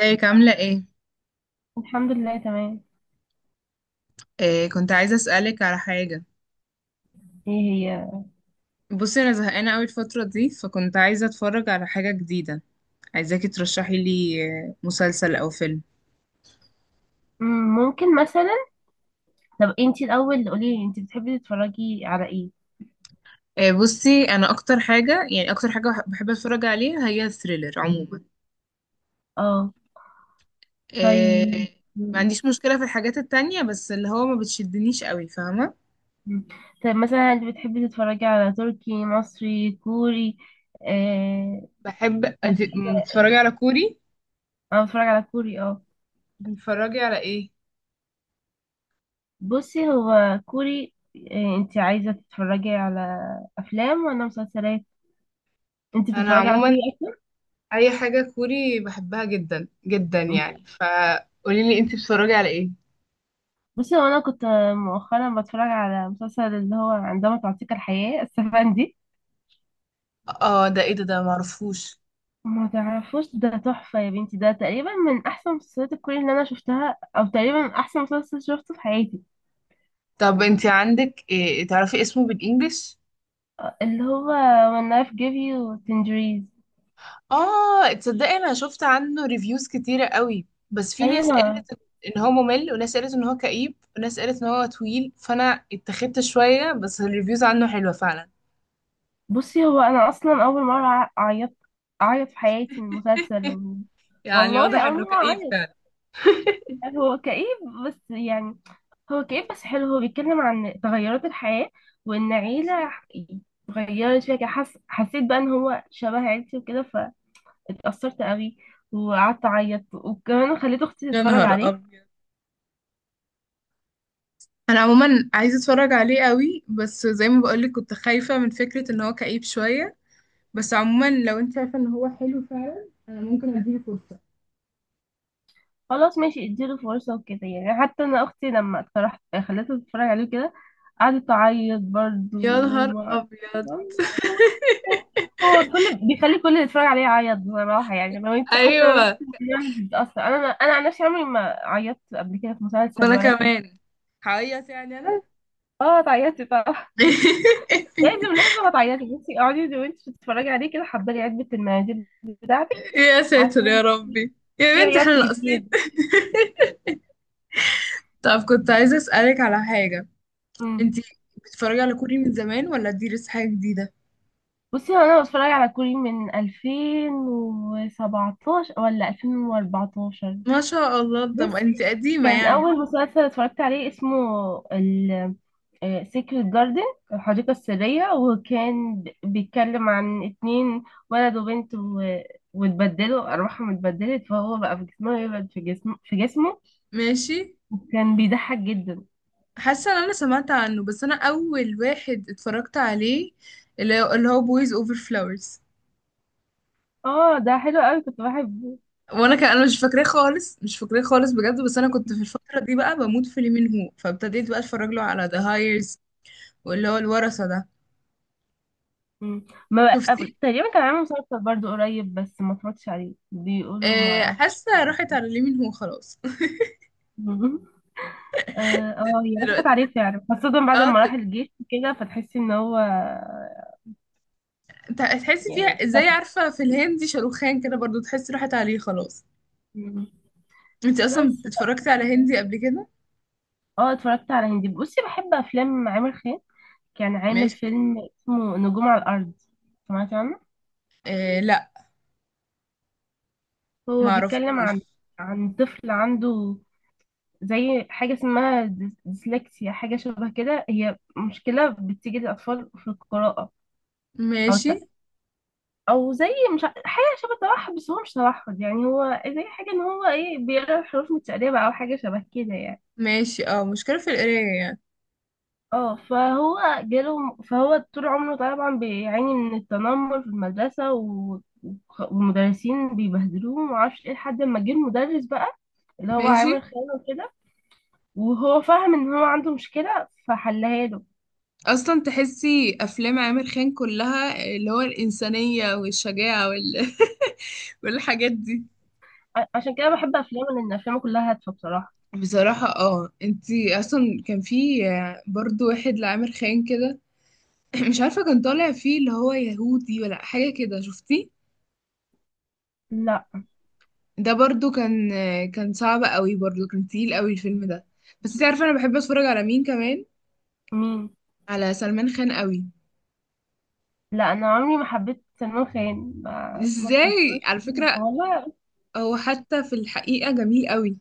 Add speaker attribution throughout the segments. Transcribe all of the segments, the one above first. Speaker 1: ازيك عاملة ايه؟
Speaker 2: الحمد لله تمام.
Speaker 1: إيه، كنت عايزة اسألك على حاجة.
Speaker 2: ايه هي؟
Speaker 1: بصي، انا زهقانة اوي الفترة دي، فكنت عايزة اتفرج على حاجة جديدة. عايزاكي ترشحي لي. مسلسل او فيلم.
Speaker 2: مم، ممكن مثلا. طب انتي الاول قولي لي انتي بتحبي تتفرجي على ايه؟
Speaker 1: إيه، بصي انا اكتر حاجة، يعني اكتر حاجة بحب اتفرج عليها هي الثريلر عموما.
Speaker 2: اه. طيب.
Speaker 1: إيه، ما
Speaker 2: مم،
Speaker 1: عنديش مشكلة في الحاجات التانية بس اللي هو ما بتشدنيش اوي، فاهمة؟
Speaker 2: مم. طيب مثلا انتي بتحبي تتفرجي على تركي مصري كوري؟ اه.
Speaker 1: بحب.
Speaker 2: طب
Speaker 1: انت
Speaker 2: بتحبي على إيه؟
Speaker 1: بتتفرجي على كوري؟
Speaker 2: انا بتفرج على كوري، اه.
Speaker 1: بتتفرجي على ايه؟
Speaker 2: بصي، هو كوري. انتي عايزة تتفرجي على افلام ولا مسلسلات؟ انتي
Speaker 1: انا
Speaker 2: بتتفرجي على
Speaker 1: عموما
Speaker 2: كوري
Speaker 1: اي حاجة كوري بحبها جدا جدا
Speaker 2: اكتر.
Speaker 1: يعني، ف قولي لي انتي بتتفرجي على ايه.
Speaker 2: بصي هو انا كنت مؤخرا بتفرج على مسلسل، اللي هو عندما تعطيك الحياة السفندي.
Speaker 1: اه، ده ايه؟ ده معرفوش.
Speaker 2: ما تعرفوش ده؟ تحفة يا بنتي، ده تقريبا من احسن مسلسلات الكوري اللي انا شفتها، او تقريبا احسن مسلسل شفته في حياتي.
Speaker 1: طب انت عندك، إيه، تعرفي اسمه بالانجلش.
Speaker 2: اللي هو when life gives you tangerines.
Speaker 1: اه، تصدقي انا شفت عنه ريفيوز كتيرة قوي، بس في ناس
Speaker 2: ايوه.
Speaker 1: قالت ان هو ممل، وناس قالت ان هو كئيب، وناس قالت ان هو طويل، فانا اتخذت شوية، بس الريفيوز عنه حلوة فعلا.
Speaker 2: بصي هو انا اصلا اول مرة اعيط في حياتي من مسلسل.
Speaker 1: يعني
Speaker 2: والله
Speaker 1: واضح
Speaker 2: اول
Speaker 1: انه
Speaker 2: مرة
Speaker 1: كئيب
Speaker 2: اعيط.
Speaker 1: فعلا.
Speaker 2: هو كئيب، بس يعني هو كئيب بس حلو. هو بيتكلم عن تغيرات الحياة، وإن عيلة اتغيرت فيها كده. حسيت بقى إن هو شبه عيلتي وكده، فاتأثرت قوي وقعدت أعيط، وكمان خليت أختي
Speaker 1: يا
Speaker 2: تتفرج
Speaker 1: نهار
Speaker 2: عليه.
Speaker 1: ابيض! انا عموما عايزه اتفرج عليه قوي، بس زي ما بقولك كنت خايفه من فكره ان هو كئيب شويه. بس عموما لو انت شايفه ان هو حلو فعلا، انا ممكن اديله فرصه.
Speaker 2: خلاص ماشي اديله فرصة وكده. يعني حتى انا اختي لما اقترحت، خليتها تتفرج عليه كده، قعدت تعيط برضه.
Speaker 1: يا نهار
Speaker 2: وما...
Speaker 1: ابيض.
Speaker 2: والله هو هو كل بيخلي كل اللي يتفرج عليه يعيط بصراحة. يعني لو انت، حتى لو انت
Speaker 1: ايوه،
Speaker 2: يعني مش بتأثر، انا عن نفسي عمري ما عيطت قبل كده في مسلسل
Speaker 1: وانا
Speaker 2: ولا فيلم.
Speaker 1: كمان هعيط يعني انا.
Speaker 2: اه تعيطي طبعا. لازم لازم هتعيطي. بصي اقعدي وانت بتتفرجي عليه كده، حضري علبة المناديل بتاعتك،
Speaker 1: يا ساتر يا
Speaker 2: عشان
Speaker 1: ربي،
Speaker 2: في
Speaker 1: يا بنت
Speaker 2: عياط
Speaker 1: احنا
Speaker 2: كتير.
Speaker 1: ناقصين! طب كنت عايزه اسالك على حاجه.
Speaker 2: مم.
Speaker 1: انتي بتتفرجي على كوري من زمان ولا دي لسه حاجه جديده؟
Speaker 2: بصي هو انا بتفرج على كوري من 2017 ولا 2014.
Speaker 1: ما شاء الله، طب
Speaker 2: بس
Speaker 1: انتي قديمه
Speaker 2: كان
Speaker 1: يعني.
Speaker 2: اول مسلسل اتفرجت عليه اسمه ال سيكريت جاردن، الحديقة السرية. وكان بيتكلم عن اتنين، ولد وبنت، واتبدلوا، أرواحهم اتبدلت، فهو بقى في جسمه يبعد، في جسمه.
Speaker 1: ماشي.
Speaker 2: وكان بيضحك جدا.
Speaker 1: حاسه ان انا سمعت عنه، بس انا اول واحد اتفرجت عليه اللي هو بويز اوفر فلاورز.
Speaker 2: اه ده حلو قوي، كنت بحبه.
Speaker 1: وانا كان انا مش فاكراه خالص، مش فاكراه خالص، بجد. بس انا كنت في الفتره دي بقى بموت في لي مين هو، فابتديت بقى اتفرج له على ذا هايرز، واللي هو الورثه ده.
Speaker 2: مم. ما
Speaker 1: شفتي؟
Speaker 2: أب- تقريبا كان عامل مسلسل برضو قريب، بس ما اتفرجتش عليه، بيقولوا، ما اعرفش.
Speaker 1: حاسه راحت على لي مين هو خلاص.
Speaker 2: مم. اه، آه، هي راحت
Speaker 1: دلوقتي،
Speaker 2: عليه فعلا، خاصة بعد
Speaker 1: اه
Speaker 2: ما
Speaker 1: د-
Speaker 2: راح الجيش كده، فتحسي ان هو
Speaker 1: تحسي
Speaker 2: يعني
Speaker 1: فيها زي،
Speaker 2: اختفى.
Speaker 1: عارفه، في الهندي شاروخان كده برضو، تحسي راحت عليه خلاص.
Speaker 2: مم.
Speaker 1: انت اصلا
Speaker 2: بس بقى،
Speaker 1: اتفرجتي على هندي قبل كده؟
Speaker 2: اه اتفرجت على هندي. بصي بحب افلام عامر خان. كان عامل
Speaker 1: ماشي.
Speaker 2: فيلم اسمه نجوم على الارض. سمعت عنه؟
Speaker 1: آه لا،
Speaker 2: هو بيتكلم عن
Speaker 1: معرفوش.
Speaker 2: عن طفل عنده زي حاجة اسمها ديسلكسيا، حاجة شبه كده. هي مشكلة بتيجي للأطفال في القراءة، أو
Speaker 1: ماشي.
Speaker 2: الت- أو زي، مش حاجة شبه توحد، بس هو مش توحد. يعني هو زي حاجة إن هو إيه، بيقرأ الحروف متقلبة أو حاجة شبه كده يعني.
Speaker 1: ماشي، اه مشكله في القرايه يعني.
Speaker 2: اه، فهو جاله، فهو طول عمره طبعا بيعاني من التنمر في المدرسة، والمدرسين بيبهدلوه ومعرفش ايه، لحد ما جه المدرس بقى اللي هو
Speaker 1: ماشي.
Speaker 2: عامل خيانة كده، وهو فاهم ان هو عنده مشكلة، فحلها له.
Speaker 1: اصلا تحسي افلام عامر خان كلها اللي هو الانسانيه والشجاعه وال... والحاجات دي.
Speaker 2: عشان كده بحب افلامه، لان افلامه كلها هادفه بصراحه.
Speaker 1: بصراحه. اه، انتي اصلا كان في برضو واحد لعامر خان كده. مش عارفه، كان طالع فيه اللي هو يهودي ولا حاجه كده، شفتيه؟
Speaker 2: لا.
Speaker 1: ده برضو كان صعب قوي، برضو كان تقيل قوي الفيلم ده. بس انتي عارفه انا بحب اتفرج على مين كمان؟
Speaker 2: مين؟
Speaker 1: على سلمان خان قوي.
Speaker 2: لا انا عمري ما حبيت سلمان خان، ما
Speaker 1: ازاي
Speaker 2: اتفرجتلوش.
Speaker 1: على فكره؟
Speaker 2: والله
Speaker 1: هو حتى في الحقيقه جميل قوي.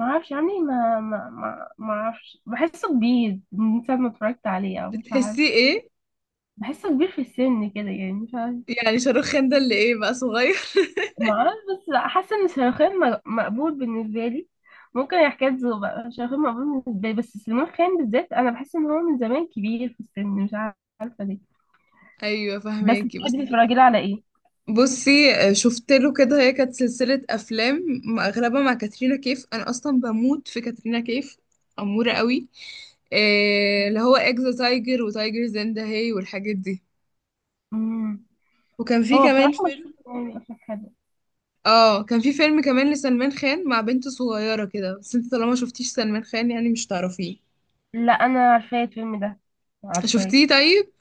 Speaker 2: ما اعرفش. عمري ما اعرفش، بحسه كبير من ساعه ما اتفرجت عليه، او مش عارف.
Speaker 1: بتحسيه ايه؟
Speaker 2: بحسه كبير في السن كده يعني، مش عارف.
Speaker 1: يعني شاروخان ده اللي ايه بقى، صغير؟
Speaker 2: ما اعرفش. بس حاسه ان شاروخان مقبول بالنسبه لي. ممكن حكاية ذوق بقى، شاروخان مقبول بالنسبه لي، بس سلمان خان بالذات انا بحس ان هو من زمان كبير في السن، مش عارفه ليه.
Speaker 1: ايوه،
Speaker 2: بس
Speaker 1: فهماكي بس.
Speaker 2: بتحبي تتفرجي له على ايه؟
Speaker 1: بصي، شفت له كده هي كانت سلسله افلام، اغلبها مع كاترينا كيف، انا اصلا بموت في كاترينا كيف، اموره قوي. اللي هو اكزا تايجر وتايجر زندا هي والحاجات دي.
Speaker 2: مم.
Speaker 1: وكان في
Speaker 2: هو
Speaker 1: كمان
Speaker 2: بصراحة مش
Speaker 1: فيلم.
Speaker 2: فاكرة يعني أصلا حاجة.
Speaker 1: اه، كان في فيلم كمان لسلمان خان مع بنت صغيره كده. بس انت طالما شفتيش سلمان خان، يعني مش تعرفيه.
Speaker 2: لا أنا عارفاه الفيلم ده، عارفاه.
Speaker 1: شفتيه؟ طيب.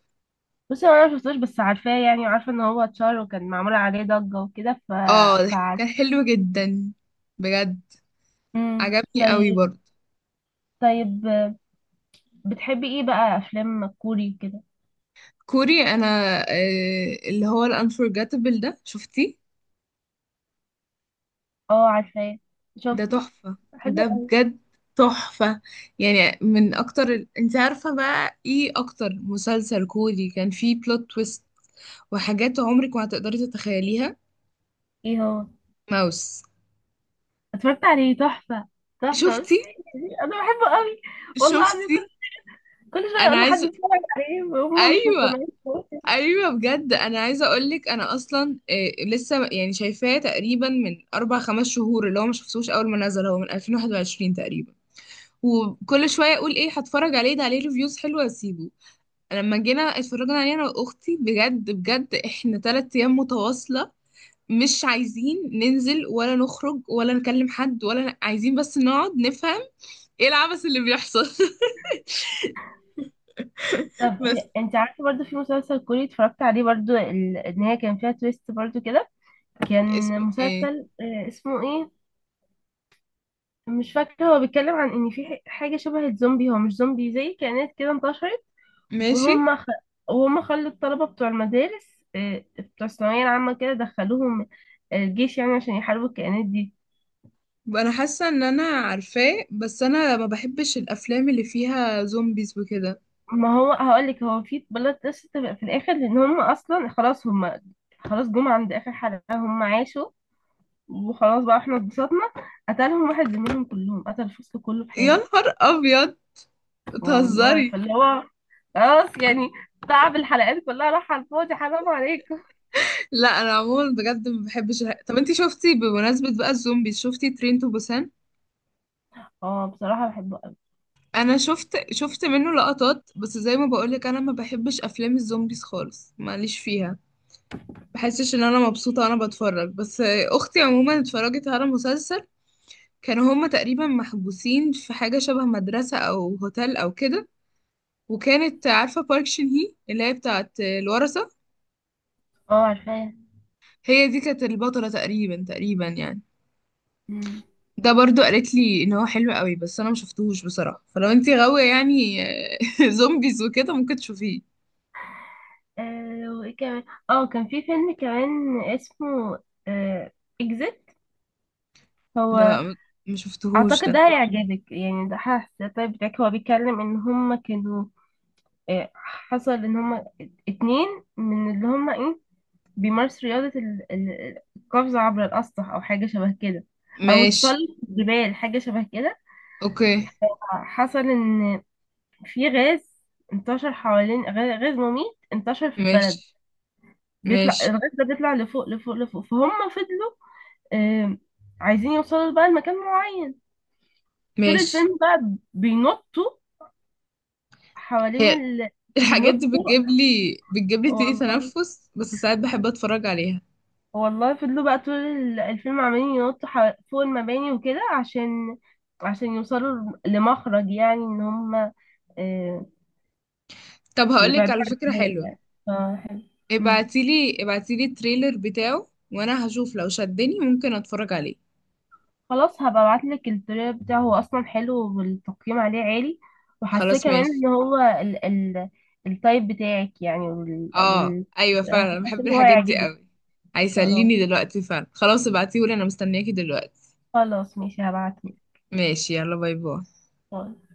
Speaker 2: بصي هو أنا مشفتوش، بس عارفاه يعني، وعارفة إن هو اتشهر وكان معمول عليه ضجة وكده ف...
Speaker 1: اه، كان
Speaker 2: فعارفة.
Speaker 1: حلو جدا، بجد. عجبني قوي
Speaker 2: طيب.
Speaker 1: برضه.
Speaker 2: طيب، بتحبي إيه بقى أفلام كوري كده؟
Speaker 1: كوري، انا اللي هو الانفورجيتابل ده، شفتيه؟
Speaker 2: اه عارفاه،
Speaker 1: ده
Speaker 2: شفته،
Speaker 1: تحفة.
Speaker 2: حلو
Speaker 1: ده
Speaker 2: أوي.
Speaker 1: بجد تحفة. يعني من
Speaker 2: مم.
Speaker 1: اكتر انت عارفة بقى ايه اكتر مسلسل كوري كان فيه بلوت تويست وحاجات عمرك ما هتقدري تتخيليها؟
Speaker 2: إيه هو؟
Speaker 1: ماوس.
Speaker 2: اتفرجت عليه، تحفة. تحفة بصي،
Speaker 1: شفتي؟
Speaker 2: أنا بحبه قوي. والله العظيم،
Speaker 1: شفتي؟
Speaker 2: كل شوية
Speaker 1: انا
Speaker 2: أقول لحد
Speaker 1: عايزة.
Speaker 2: يتفرج عليه وهم مش
Speaker 1: ايوه.
Speaker 2: مقتنعين.
Speaker 1: ايوه، بجد انا عايزه اقولك انا اصلا، لسه يعني شايفاه تقريبا من اربع خمس شهور. اللي هو ما شفتوش اول ما نزل، هو من 2021 تقريبا. وكل شويه اقول ايه هتفرج عليه ده، عليه ريفيوز حلوه، اسيبه. لما جينا اتفرجنا عليه انا واختي، بجد احنا تلات ايام متواصله مش عايزين ننزل ولا نخرج ولا نكلم حد عايزين بس نقعد نفهم ايه العبث اللي بيحصل.
Speaker 2: طب،
Speaker 1: بس
Speaker 2: انت عارفه برضو في مسلسل كوري اتفرجت عليه برضو، ان هي كان فيها تويست برضو كده. كان
Speaker 1: اسمه ايه؟
Speaker 2: مسلسل، اسمه ايه، مش فاكره. هو بيتكلم عن ان في حاجه شبه الزومبي، هو مش زومبي، زي كائنات كده انتشرت،
Speaker 1: ماشي.
Speaker 2: وهم خ... وهم خلوا الطلبه بتوع المدارس، بتوع الثانويه العامه كده، دخلوهم الجيش يعني، عشان يحاربوا الكائنات دي.
Speaker 1: انا حاسه ان انا عارفاه، بس انا ما بحبش الافلام اللي فيها زومبيز وكده.
Speaker 2: ما هو هقول لك، هو في بلوت تويست في الاخر، لان هم اصلا خلاص، هم خلاص جم عند اخر حلقه، هم عاشوا وخلاص، بقى احنا اتبسطنا، قتلهم واحد زميلهم، كلهم قتل، الفصل كله في
Speaker 1: يا
Speaker 2: حاله.
Speaker 1: نهار ابيض،
Speaker 2: والله،
Speaker 1: بتهزري!
Speaker 2: فاللي هو خلاص يعني، تعب الحلقات كلها راح على الفاضي، حرام عليكم.
Speaker 1: لا، انا عموما بجد ما بحبش طب انتي شفتي، بمناسبة بقى الزومبي، شفتي ترين تو بوسان؟
Speaker 2: اه بصراحة بحبه قوي.
Speaker 1: انا شفت منه لقطات، بس زي ما بقولك انا ما بحبش افلام الزومبيز خالص، ماليش فيها. بحسش ان انا مبسوطة وانا بتفرج. بس اختي عموما اتفرجت على مسلسل كانوا هما تقريبا محبوسين في حاجة شبه مدرسة او هوتيل او كده، وكانت، عارفة، بارك شين هي اللي هي بتاعت الورثة،
Speaker 2: اه عارفاه.
Speaker 1: هي دي كانت البطلة تقريبا، تقريبا يعني.
Speaker 2: مم.
Speaker 1: ده برضو قالت لي ان هو حلو قوي بس انا ما شفتهوش بصراحه، فلو انتي غاويه يعني زومبيز وكده ممكن تشوفيه.
Speaker 2: وايه كمان؟ اه كان في فيلم كمان اسمه، آه اكزيت. هو
Speaker 1: لا ما شفتهوش
Speaker 2: اعتقد ده
Speaker 1: ده.
Speaker 2: هيعجبك يعني، ده حاسس طيب بتاعك. هو بيتكلم ان هما كانوا، حصل ان هما اتنين، من اللي هما ايه، بيمارس رياضة القفز عبر الأسطح أو حاجة شبه كده، أو
Speaker 1: ماشي.
Speaker 2: تسلق الجبال، حاجة شبه كده.
Speaker 1: اوكي.
Speaker 2: حصل إن في غاز انتشر حوالين، غاز مميت انتشر في البلد،
Speaker 1: ماشي.
Speaker 2: بيطلع
Speaker 1: ماشي.
Speaker 2: الغاز ده، بيطلع لفوق لفوق لفوق، فهم فضلوا، آم، عايزين يوصلوا بقى لمكان معين. طول
Speaker 1: ماشي.
Speaker 2: الفيلم بقى بينطوا حوالين
Speaker 1: هي
Speaker 2: ال...
Speaker 1: الحاجات دي
Speaker 2: بينطوا
Speaker 1: بتجيب لي ضيق
Speaker 2: والله،
Speaker 1: تنفس، بس ساعات بحب اتفرج عليها.
Speaker 2: والله فضلوا بقى طول الفيلم عمالين ينطوا فوق المباني وكده، عشان يوصلوا لمخرج، يعني ان هم آه،
Speaker 1: طب هقولك
Speaker 2: يبعدوا
Speaker 1: على
Speaker 2: عن
Speaker 1: فكره
Speaker 2: الناس
Speaker 1: حلوه.
Speaker 2: يعني. فحلو. مم.
Speaker 1: ابعتيلي التريلر بتاعه وانا هشوف لو شدني ممكن اتفرج عليه.
Speaker 2: خلاص هبقى ابعتلك التريلر بتاعه، هو اصلا حلو والتقييم عليه عالي، وحاساه
Speaker 1: خلاص
Speaker 2: كمان
Speaker 1: ماشي.
Speaker 2: ان هو، ال التايب بتاعك يعني، وال
Speaker 1: اه
Speaker 2: وال
Speaker 1: ايوه، فعلا انا
Speaker 2: وحاسه
Speaker 1: بحب
Speaker 2: ان هو
Speaker 1: الحاجات دي
Speaker 2: هيعجبك.
Speaker 1: قوي.
Speaker 2: خلاص،
Speaker 1: هيسليني دلوقتي فعلا. خلاص ابعتيهولي، انا مستنياكي دلوقتي.
Speaker 2: خلاص ماشي هبعتهولك.
Speaker 1: ماشي، يلا باي باي.
Speaker 2: باي.